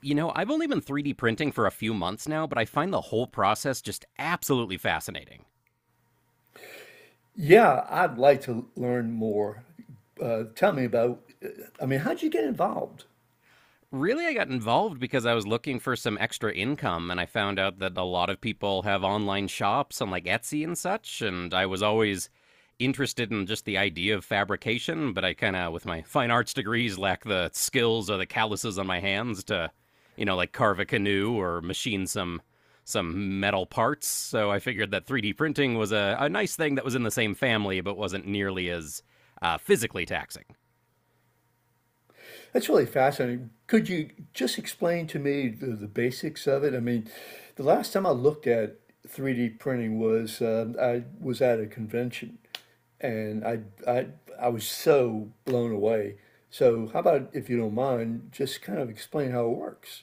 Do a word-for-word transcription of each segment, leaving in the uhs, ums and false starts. You know, I've only been three D printing for a few months now, but I find the whole process just absolutely fascinating. Yeah, I'd like to learn more. Uh, tell me about, I mean, how'd you get involved? Really, I got involved because I was looking for some extra income, and I found out that a lot of people have online shops on like Etsy and such. And I was always interested in just the idea of fabrication, but I kind of, with my fine arts degrees, lack the skills or the calluses on my hands to, you know, like carve a canoe or machine some some metal parts. So I figured that three D printing was a, a nice thing that was in the same family, but wasn't nearly as uh, physically taxing. That's really fascinating. Could you just explain to me the, the basics of it? I mean, the last time I looked at three D printing was uh, I was at a convention and I, I, I was so blown away. So, how about if you don't mind, just kind of explain how it works?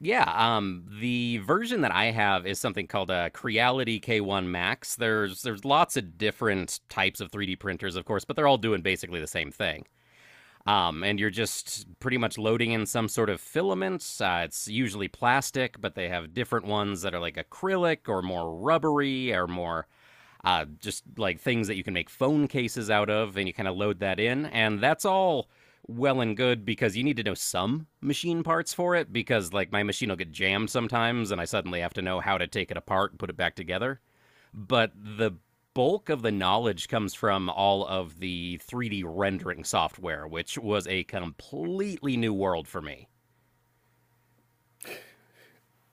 Yeah, um, the version that I have is something called a Creality K one Max. There's there's lots of different types of three D printers, of course, but they're all doing basically the same thing. Um, and you're just pretty much loading in some sort of filaments. Uh, it's usually plastic, but they have different ones that are like acrylic or more rubbery or more uh, just like things that you can make phone cases out of, and you kind of load that in. And that's all well and good because you need to know some machine parts for it because, like, my machine will get jammed sometimes, and I suddenly have to know how to take it apart and put it back together. But the bulk of the knowledge comes from all of the three D rendering software, which was a completely new world for me.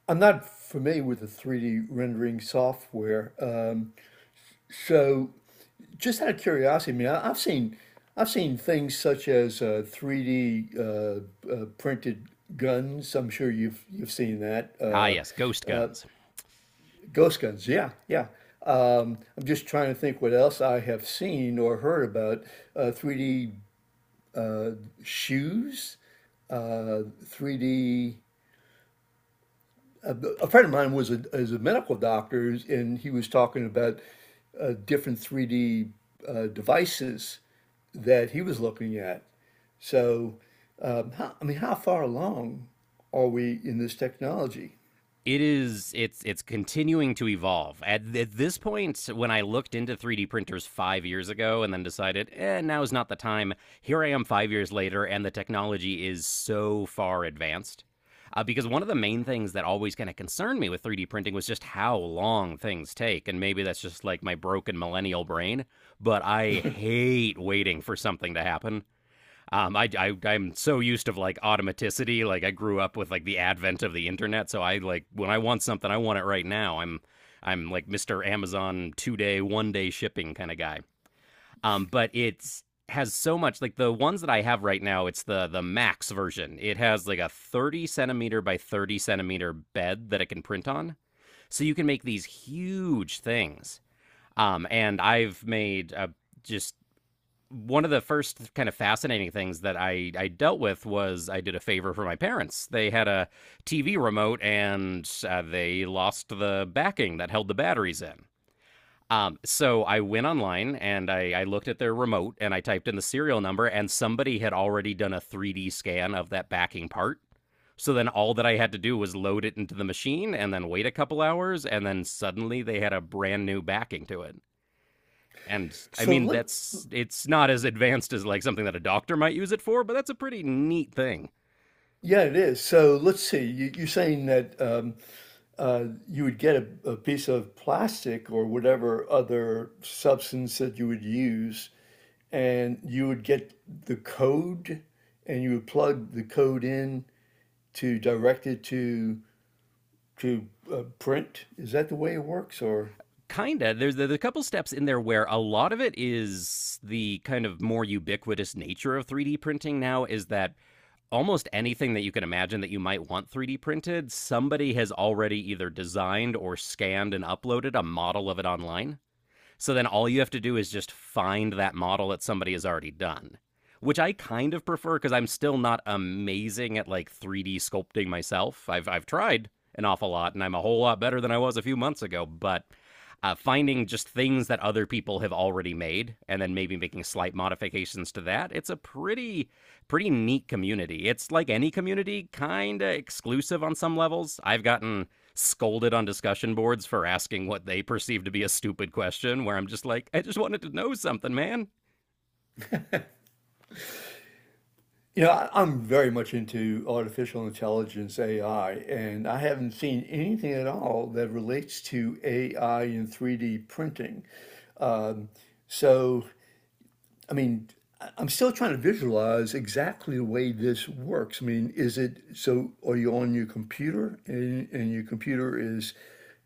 I'm not familiar with the three D rendering software. Uh, so, Just out of curiosity, I mean, I, I've seen I've seen things such as uh, three D uh, uh, printed guns. I'm sure you've you've seen that. Ah, Uh, yes, ghost guns. Ghost guns. Yeah, yeah. Um, I'm just trying to think what else I have seen or heard about uh, three D uh, shoes, uh, three D a, a friend of mine was a, is a medical doctor, and he was talking about uh, different three D uh, devices that he was looking at. So, um, how, I mean, how far along are we in this technology? It is it's it's continuing to evolve. At, at this point, when I looked into three D printers five years ago and then decided, eh, now is not the time. Here I am five years later, and the technology is so far advanced. Uh, because one of the main things that always kind of concerned me with three D printing was just how long things take, and maybe that's just like my broken millennial brain. But I hate waiting for something to happen. Um, I, I I'm so used to like automaticity. Like I grew up with like the advent of the internet, so I like when I want something, I want it right now. I'm I'm like mister Amazon two day, one day shipping kind of guy. Um, but it's has so much like the ones that I have right now. It's the the max version. It has like a thirty centimeter by thirty centimeter bed that it can print on, so you can make these huge things. Um, and I've made a just one of the first kind of fascinating things that I, I dealt with was I did a favor for my parents. They had a T V remote and uh, they lost the backing that held the batteries in. Um, so I went online and I, I looked at their remote and I typed in the serial number, and somebody had already done a three D scan of that backing part. So then all that I had to do was load it into the machine and then wait a couple hours, and then suddenly they had a brand new backing to it. And I So mean, let, that's it's not as advanced as like something that a doctor might use it for, but that's a pretty neat thing. yeah, it is. So let's see. You, you're saying that. Um, uh, you would get a, a piece of plastic or whatever other substance that you would use, and you would get the code, and you would plug the code in to direct it to to uh, print. Is that the way it works, or Kinda. There's, there's a couple steps in there where a lot of it is the kind of more ubiquitous nature of three D printing now is that almost anything that you can imagine that you might want three D printed, somebody has already either designed or scanned and uploaded a model of it online. So then all you have to do is just find that model that somebody has already done, which I kind of prefer because I'm still not amazing at like three D sculpting myself. I've I've tried an awful lot and I'm a whole lot better than I was a few months ago, but uh, finding just things that other people have already made and then maybe making slight modifications to that, it's a pretty pretty neat community. It's like any community, kind of exclusive on some levels. I've gotten scolded on discussion boards for asking what they perceive to be a stupid question, where I'm just like, I just wanted to know something, man. you know, I, I'm very much into artificial intelligence A I, and I haven't seen anything at all that relates to A I and three D printing. So I mean, I- am still trying to visualize exactly the way this works. I mean, is it so? Are you on your computer, and, and your computer is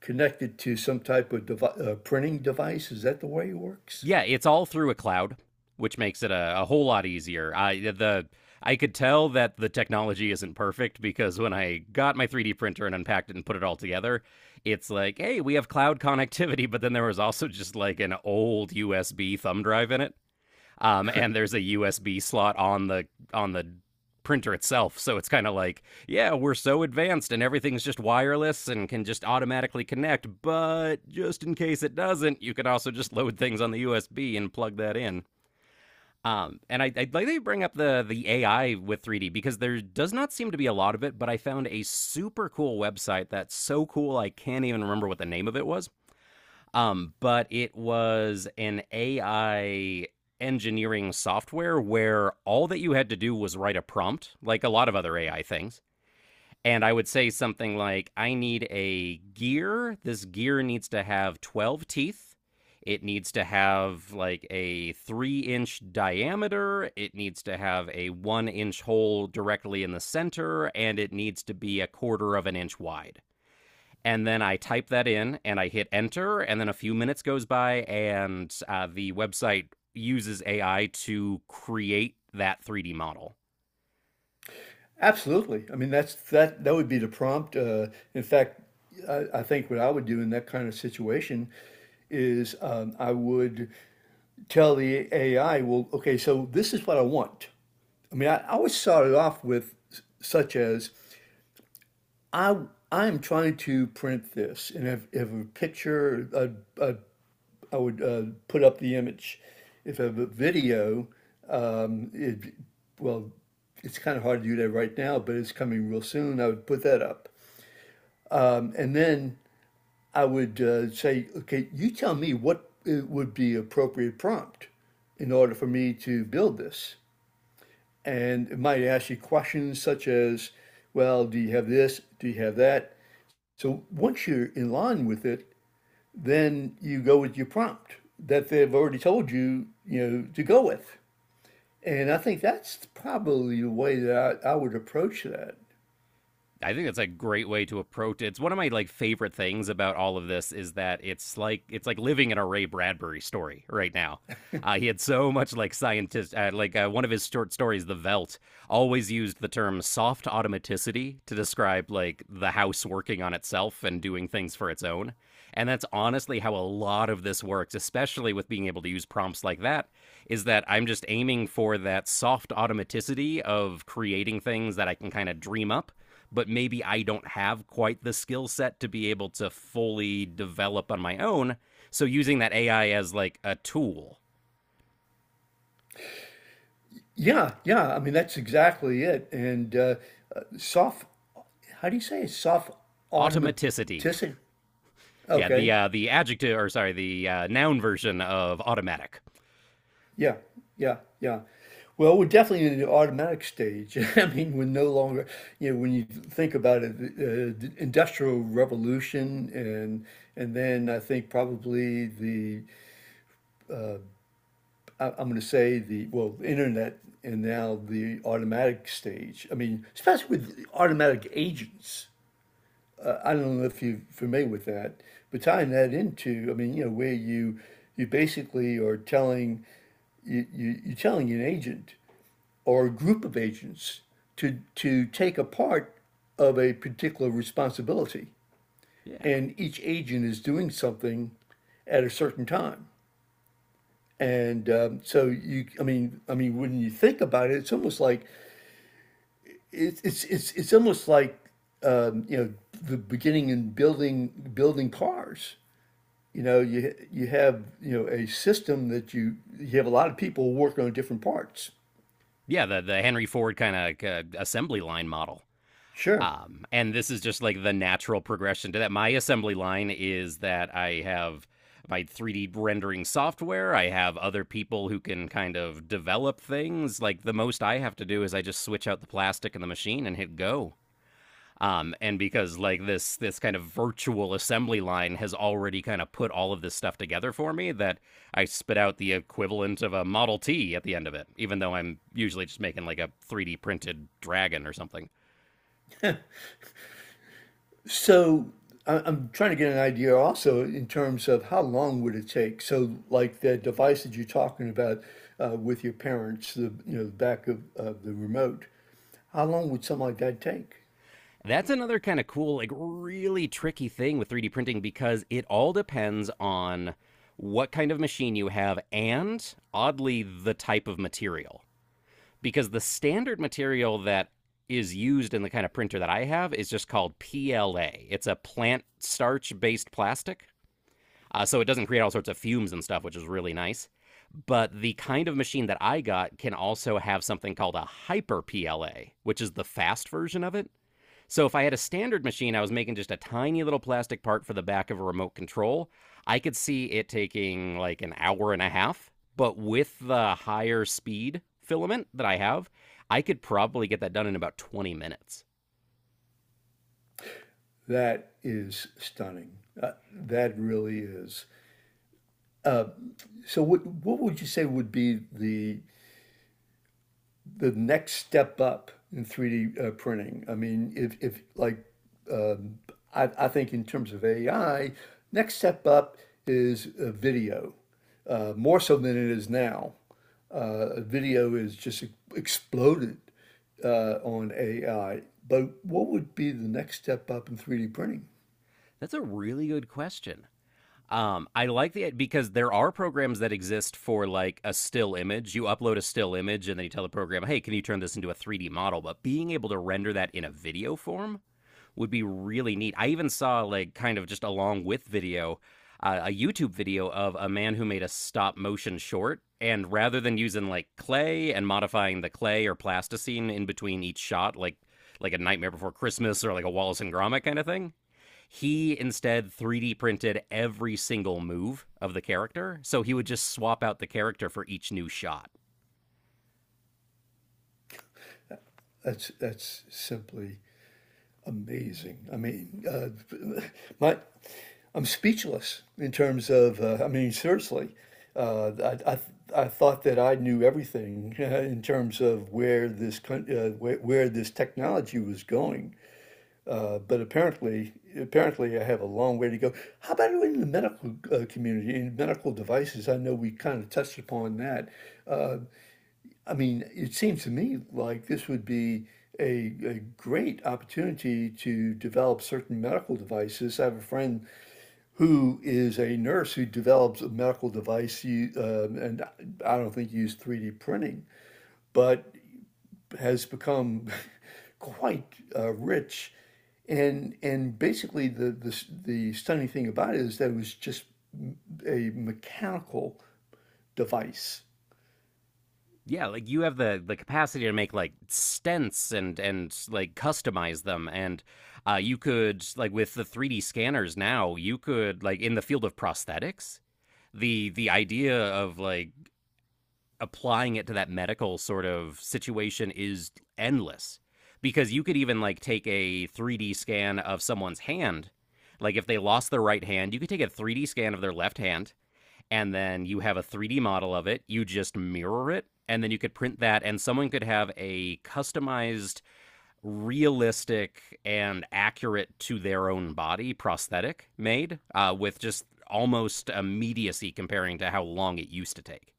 connected to some type of devi- uh, printing device? Is that the way it works? Yeah, it's all through a cloud, which makes it a, a whole lot easier. I the I could tell that the technology isn't perfect because when I got my three D printer and unpacked it and put it all together, it's like, hey, we have cloud connectivity, but then there was also just like an old U S B thumb drive in it. um, and there's a U S B slot on the on the printer itself. So it's kind of like, yeah, we're so advanced and everything's just wireless and can just automatically connect. But just in case it doesn't, you can also just load things on the U S B and plug that in. Um, and I, I'd like to bring up the the A I with three D because there does not seem to be a lot of it, but I found a super cool website that's so cool I can't even remember what the name of it was um, but it was an A I engineering software where all that you had to do was write a prompt, like a lot of other A I things. And I would say something like, I need a gear. This gear needs to have twelve teeth. It needs to have like a three inch diameter. It needs to have a one inch hole directly in the center. And it needs to be a quarter of an inch wide, and then I type that in and I hit enter. And then a few minutes goes by and uh, the website uses A I to create that three D model. Absolutely. I mean, that's that. That would be the prompt. Uh, in fact, I, I think what I would do in that kind of situation is um, I would tell the A I, "Well, okay, so this is what I want." I mean, I, I always started off with s- such as I I'm trying to print this, and if, if a picture, I, I, I would uh, put up the image. If I have a video, um, it, well, it's kind of hard to do that right now, but it's coming real soon. I would put that up, um, and then I would uh, say, okay, you tell me what it would be appropriate prompt in order for me to build this. And it might ask you questions such as, well, do you have this? Do you have that? So once you're in line with it, then you go with your prompt that they've already told you, you know, to go with. And I think that's probably the way that I, I would approach that. I think that's a great way to approach it. It's one of my like favorite things about all of this is that it's like it's like living in a Ray Bradbury story right now. Uh, he had so much like scientist, uh, like uh, one of his short stories, The Velt, always used the term soft automaticity to describe like the house working on itself and doing things for its own. And that's honestly how a lot of this works, especially with being able to use prompts like that, is that I'm just aiming for that soft automaticity of creating things that I can kind of dream up, but maybe I don't have quite the skill set to be able to fully develop on my own. So using that A I as like a tool. Yeah, yeah. I mean, that's exactly it. And uh, uh, Soft, how do you say it? Soft Automaticity. automaticity. Yeah, the Okay. uh, the adjective, or sorry, the uh, noun version of automatic. Yeah, yeah, yeah. Well, we're definitely in the automatic stage. I mean, we're no longer, you know, when you think about it, uh, the industrial revolution and and then I think probably the I, I'm going to say the well, internet and now the automatic stage. I mean, especially with automatic agents. Uh, I don't know if you're familiar with that, but tying that into, I mean, you know, where you you basically are telling you, you, you're telling an agent or a group of agents to, to take a part of a particular responsibility. Yeah. And each agent is doing something at a certain time. And um, So you, I mean, I mean, when you think about it, it's almost like it's it's it's, it's almost like um, you know the beginning in building building cars. You know, you you have you know a system that you you have a lot of people working on different parts. Yeah, the the Henry Ford kind of uh, assembly line model. Sure. Um, and this is just like the natural progression to that. My assembly line is that I have my three D rendering software. I have other people who can kind of develop things. Like the most I have to do is I just switch out the plastic in the machine and hit go. Um, and because like this this kind of virtual assembly line has already kind of put all of this stuff together for me, that I spit out the equivalent of a Model T at the end of it, even though I'm usually just making like a three D printed dragon or something. So I- am trying to get an idea also in terms of how long would it take? So like the device that you're talking about uh, with your parents, the you know the back of, of the remote, how long would something like that take? That's another kind of cool, like really tricky thing with three D printing because it all depends on what kind of machine you have and oddly the type of material. Because the standard material that is used in the kind of printer that I have is just called P L A. It's a plant starch based plastic. Uh, so it doesn't create all sorts of fumes and stuff, which is really nice. But the kind of machine that I got can also have something called a hyper P L A, which is the fast version of it. So if I had a standard machine, I was making just a tiny little plastic part for the back of a remote control. I could see it taking like an hour and a half, but with the higher speed filament that I have, I could probably get that done in about twenty minutes. That is stunning. Uh, that really is. So what what would you say would be the the next step up in three D uh, printing. I mean, if, if like, um, I, I think in terms of A I, next step up is uh, video, uh, more so than it is now. Uh, video is just exploded uh, on A I. But what would be the next step up in three D printing? That's a really good question. Um, I like the because there are programs that exist for like a still image. You upload a still image and then you tell the program, "Hey, can you turn this into a three D model?" But being able to render that in a video form, would be really neat. I even saw like kind of just along with video uh, a YouTube video of a man who made a stop motion short. And rather than using like clay and modifying the clay or plasticine in between each shot, like like a Nightmare Before Christmas or like a Wallace and Gromit kind of thing, he instead three D printed every single move of the character. So he would just swap out the character for each new shot. That's that's simply amazing. I mean, uh, my, I'm speechless in terms of. Uh, I mean, seriously, uh, I, I I thought that I knew everything in terms of where this coun- uh, where, where this technology was going, uh, but apparently, apparently, I have a long way to go. How about in the medical uh, community in medical devices? I know we kind of touched upon that. I mean, it seems to me like this would be a, a great opportunity to develop certain medical devices. I have a friend who is a nurse who develops a medical device, you- um, and I don't think used three D printing, but has become quite uh, rich. And and basically, the, the the stunning thing about it is that it was just a mechanical device. Yeah, like you have the the capacity to make like stents and and like customize them and uh you could like with the three D scanners now, you could like in the field of prosthetics, the the idea of like applying it to that medical sort of situation is endless because you could even like take a three D scan of someone's hand. Like if they lost their right hand, you could take a three D scan of their left hand and then you have a three D model of it. You just mirror it, and then you could print that, and someone could have a customized, realistic, and accurate to their own body prosthetic made uh, with just almost immediacy comparing to how long it used to take.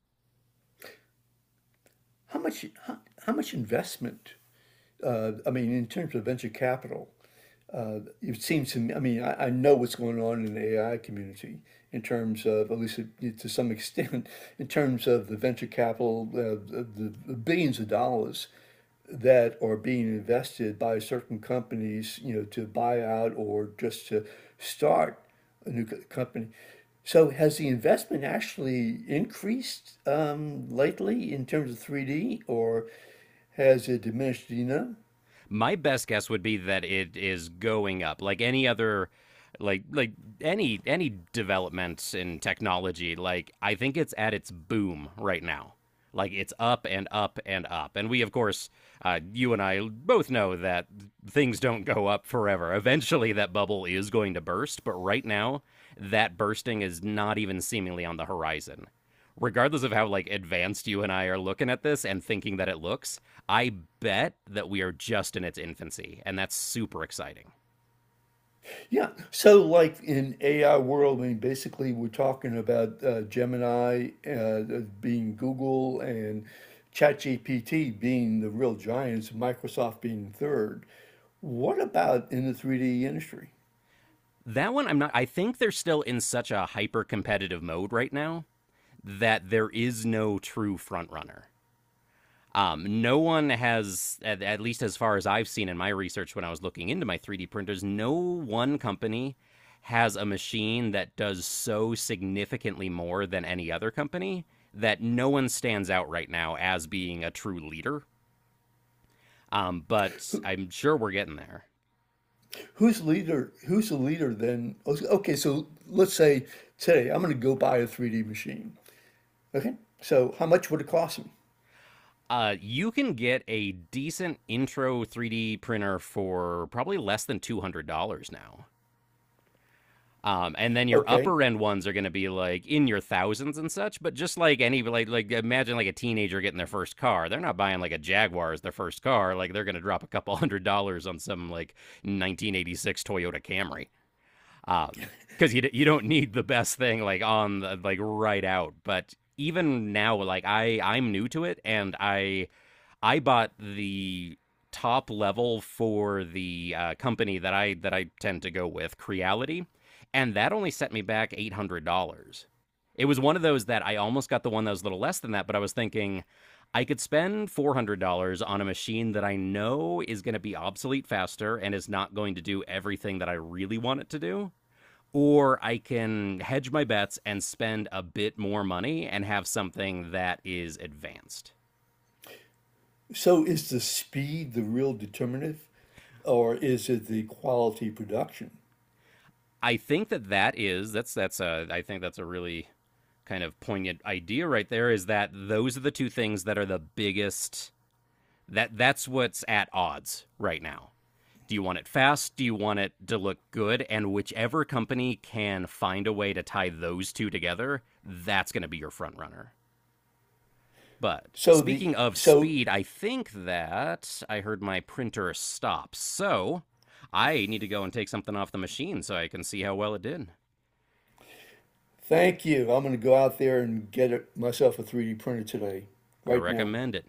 How much how, how much investment uh, I mean, in terms of venture capital, it seems to me, I mean, I, I know what's going on in the A I community in terms of, at least to some extent, in terms of the venture capital, uh, the, the billions of dollars that are being invested by certain companies, you know, to buy out or just to start a new company. So has the investment actually increased um, lately in terms of three D or has it diminished? Do you know? My best guess would be that it is going up, like any other, like like any any developments in technology. Like I think it's at its boom right now. Like it's up and up and up. And we, of course, uh, you and I both know that things don't go up forever. Eventually, that bubble is going to burst. But right now, that bursting is not even seemingly on the horizon regardless of how like advanced you and I are looking at this and thinking that it looks, I bet that we are just in its infancy, and that's super exciting. Yeah. So, like in A I world, I mean, basically, we're talking about uh, Gemini uh, uh, being Google and ChatGPT being the real giants, Microsoft being third. What about in the three D industry? That one, I'm not. I think they're still in such a hyper competitive mode right now that there is no true front runner. Um, no one has, at, at least as far as I've seen in my research when I was looking into my three D printers, no one company has a machine that does so significantly more than any other company that no one stands out right now as being a true leader. Um, but I'm sure we're getting there. Who's leader? Who's the leader then? Okay, so let's say today I'm going to go buy a three D machine. Okay, so how much would it cost me? Uh, you can get a decent intro three D printer for probably less than two hundred dollars now. Um, and then your Okay, upper end ones are going to be like in your thousands and such. But just like any, like, like imagine like a teenager getting their first car. They're not buying like a Jaguar as their first car. Like they're going to drop a couple hundred dollars on some like nineteen eighty-six Toyota Camry. Um, because you you don't need the best thing like on the, like right out. But even now, like I I'm new to it, and I I bought the top level for the uh, company that I that I tend to go with, Creality, and that only set me back eight hundred dollars. It was one of those that I almost got the one that was a little less than that, but I was thinking I could spend four hundred dollars on a machine that I know is going to be obsolete faster and is not going to do everything that I really want it to do. Or I can hedge my bets and spend a bit more money and have something that is advanced. so is the speed the real determinative, or is it the quality production? I think that that is that's that's a I think that's a really kind of poignant idea right there is that those are the two things that are the biggest that that's what's at odds right now. Do you want it fast? Do you want it to look good? And whichever company can find a way to tie those two together, that's going to be your front runner. But So speaking the of so speed, I think that I heard my printer stop. So I need to go and take something off the machine so I can see how well it did. Thank you. I'm going to go out there and get it, myself a three D printer today, I right now. recommend it.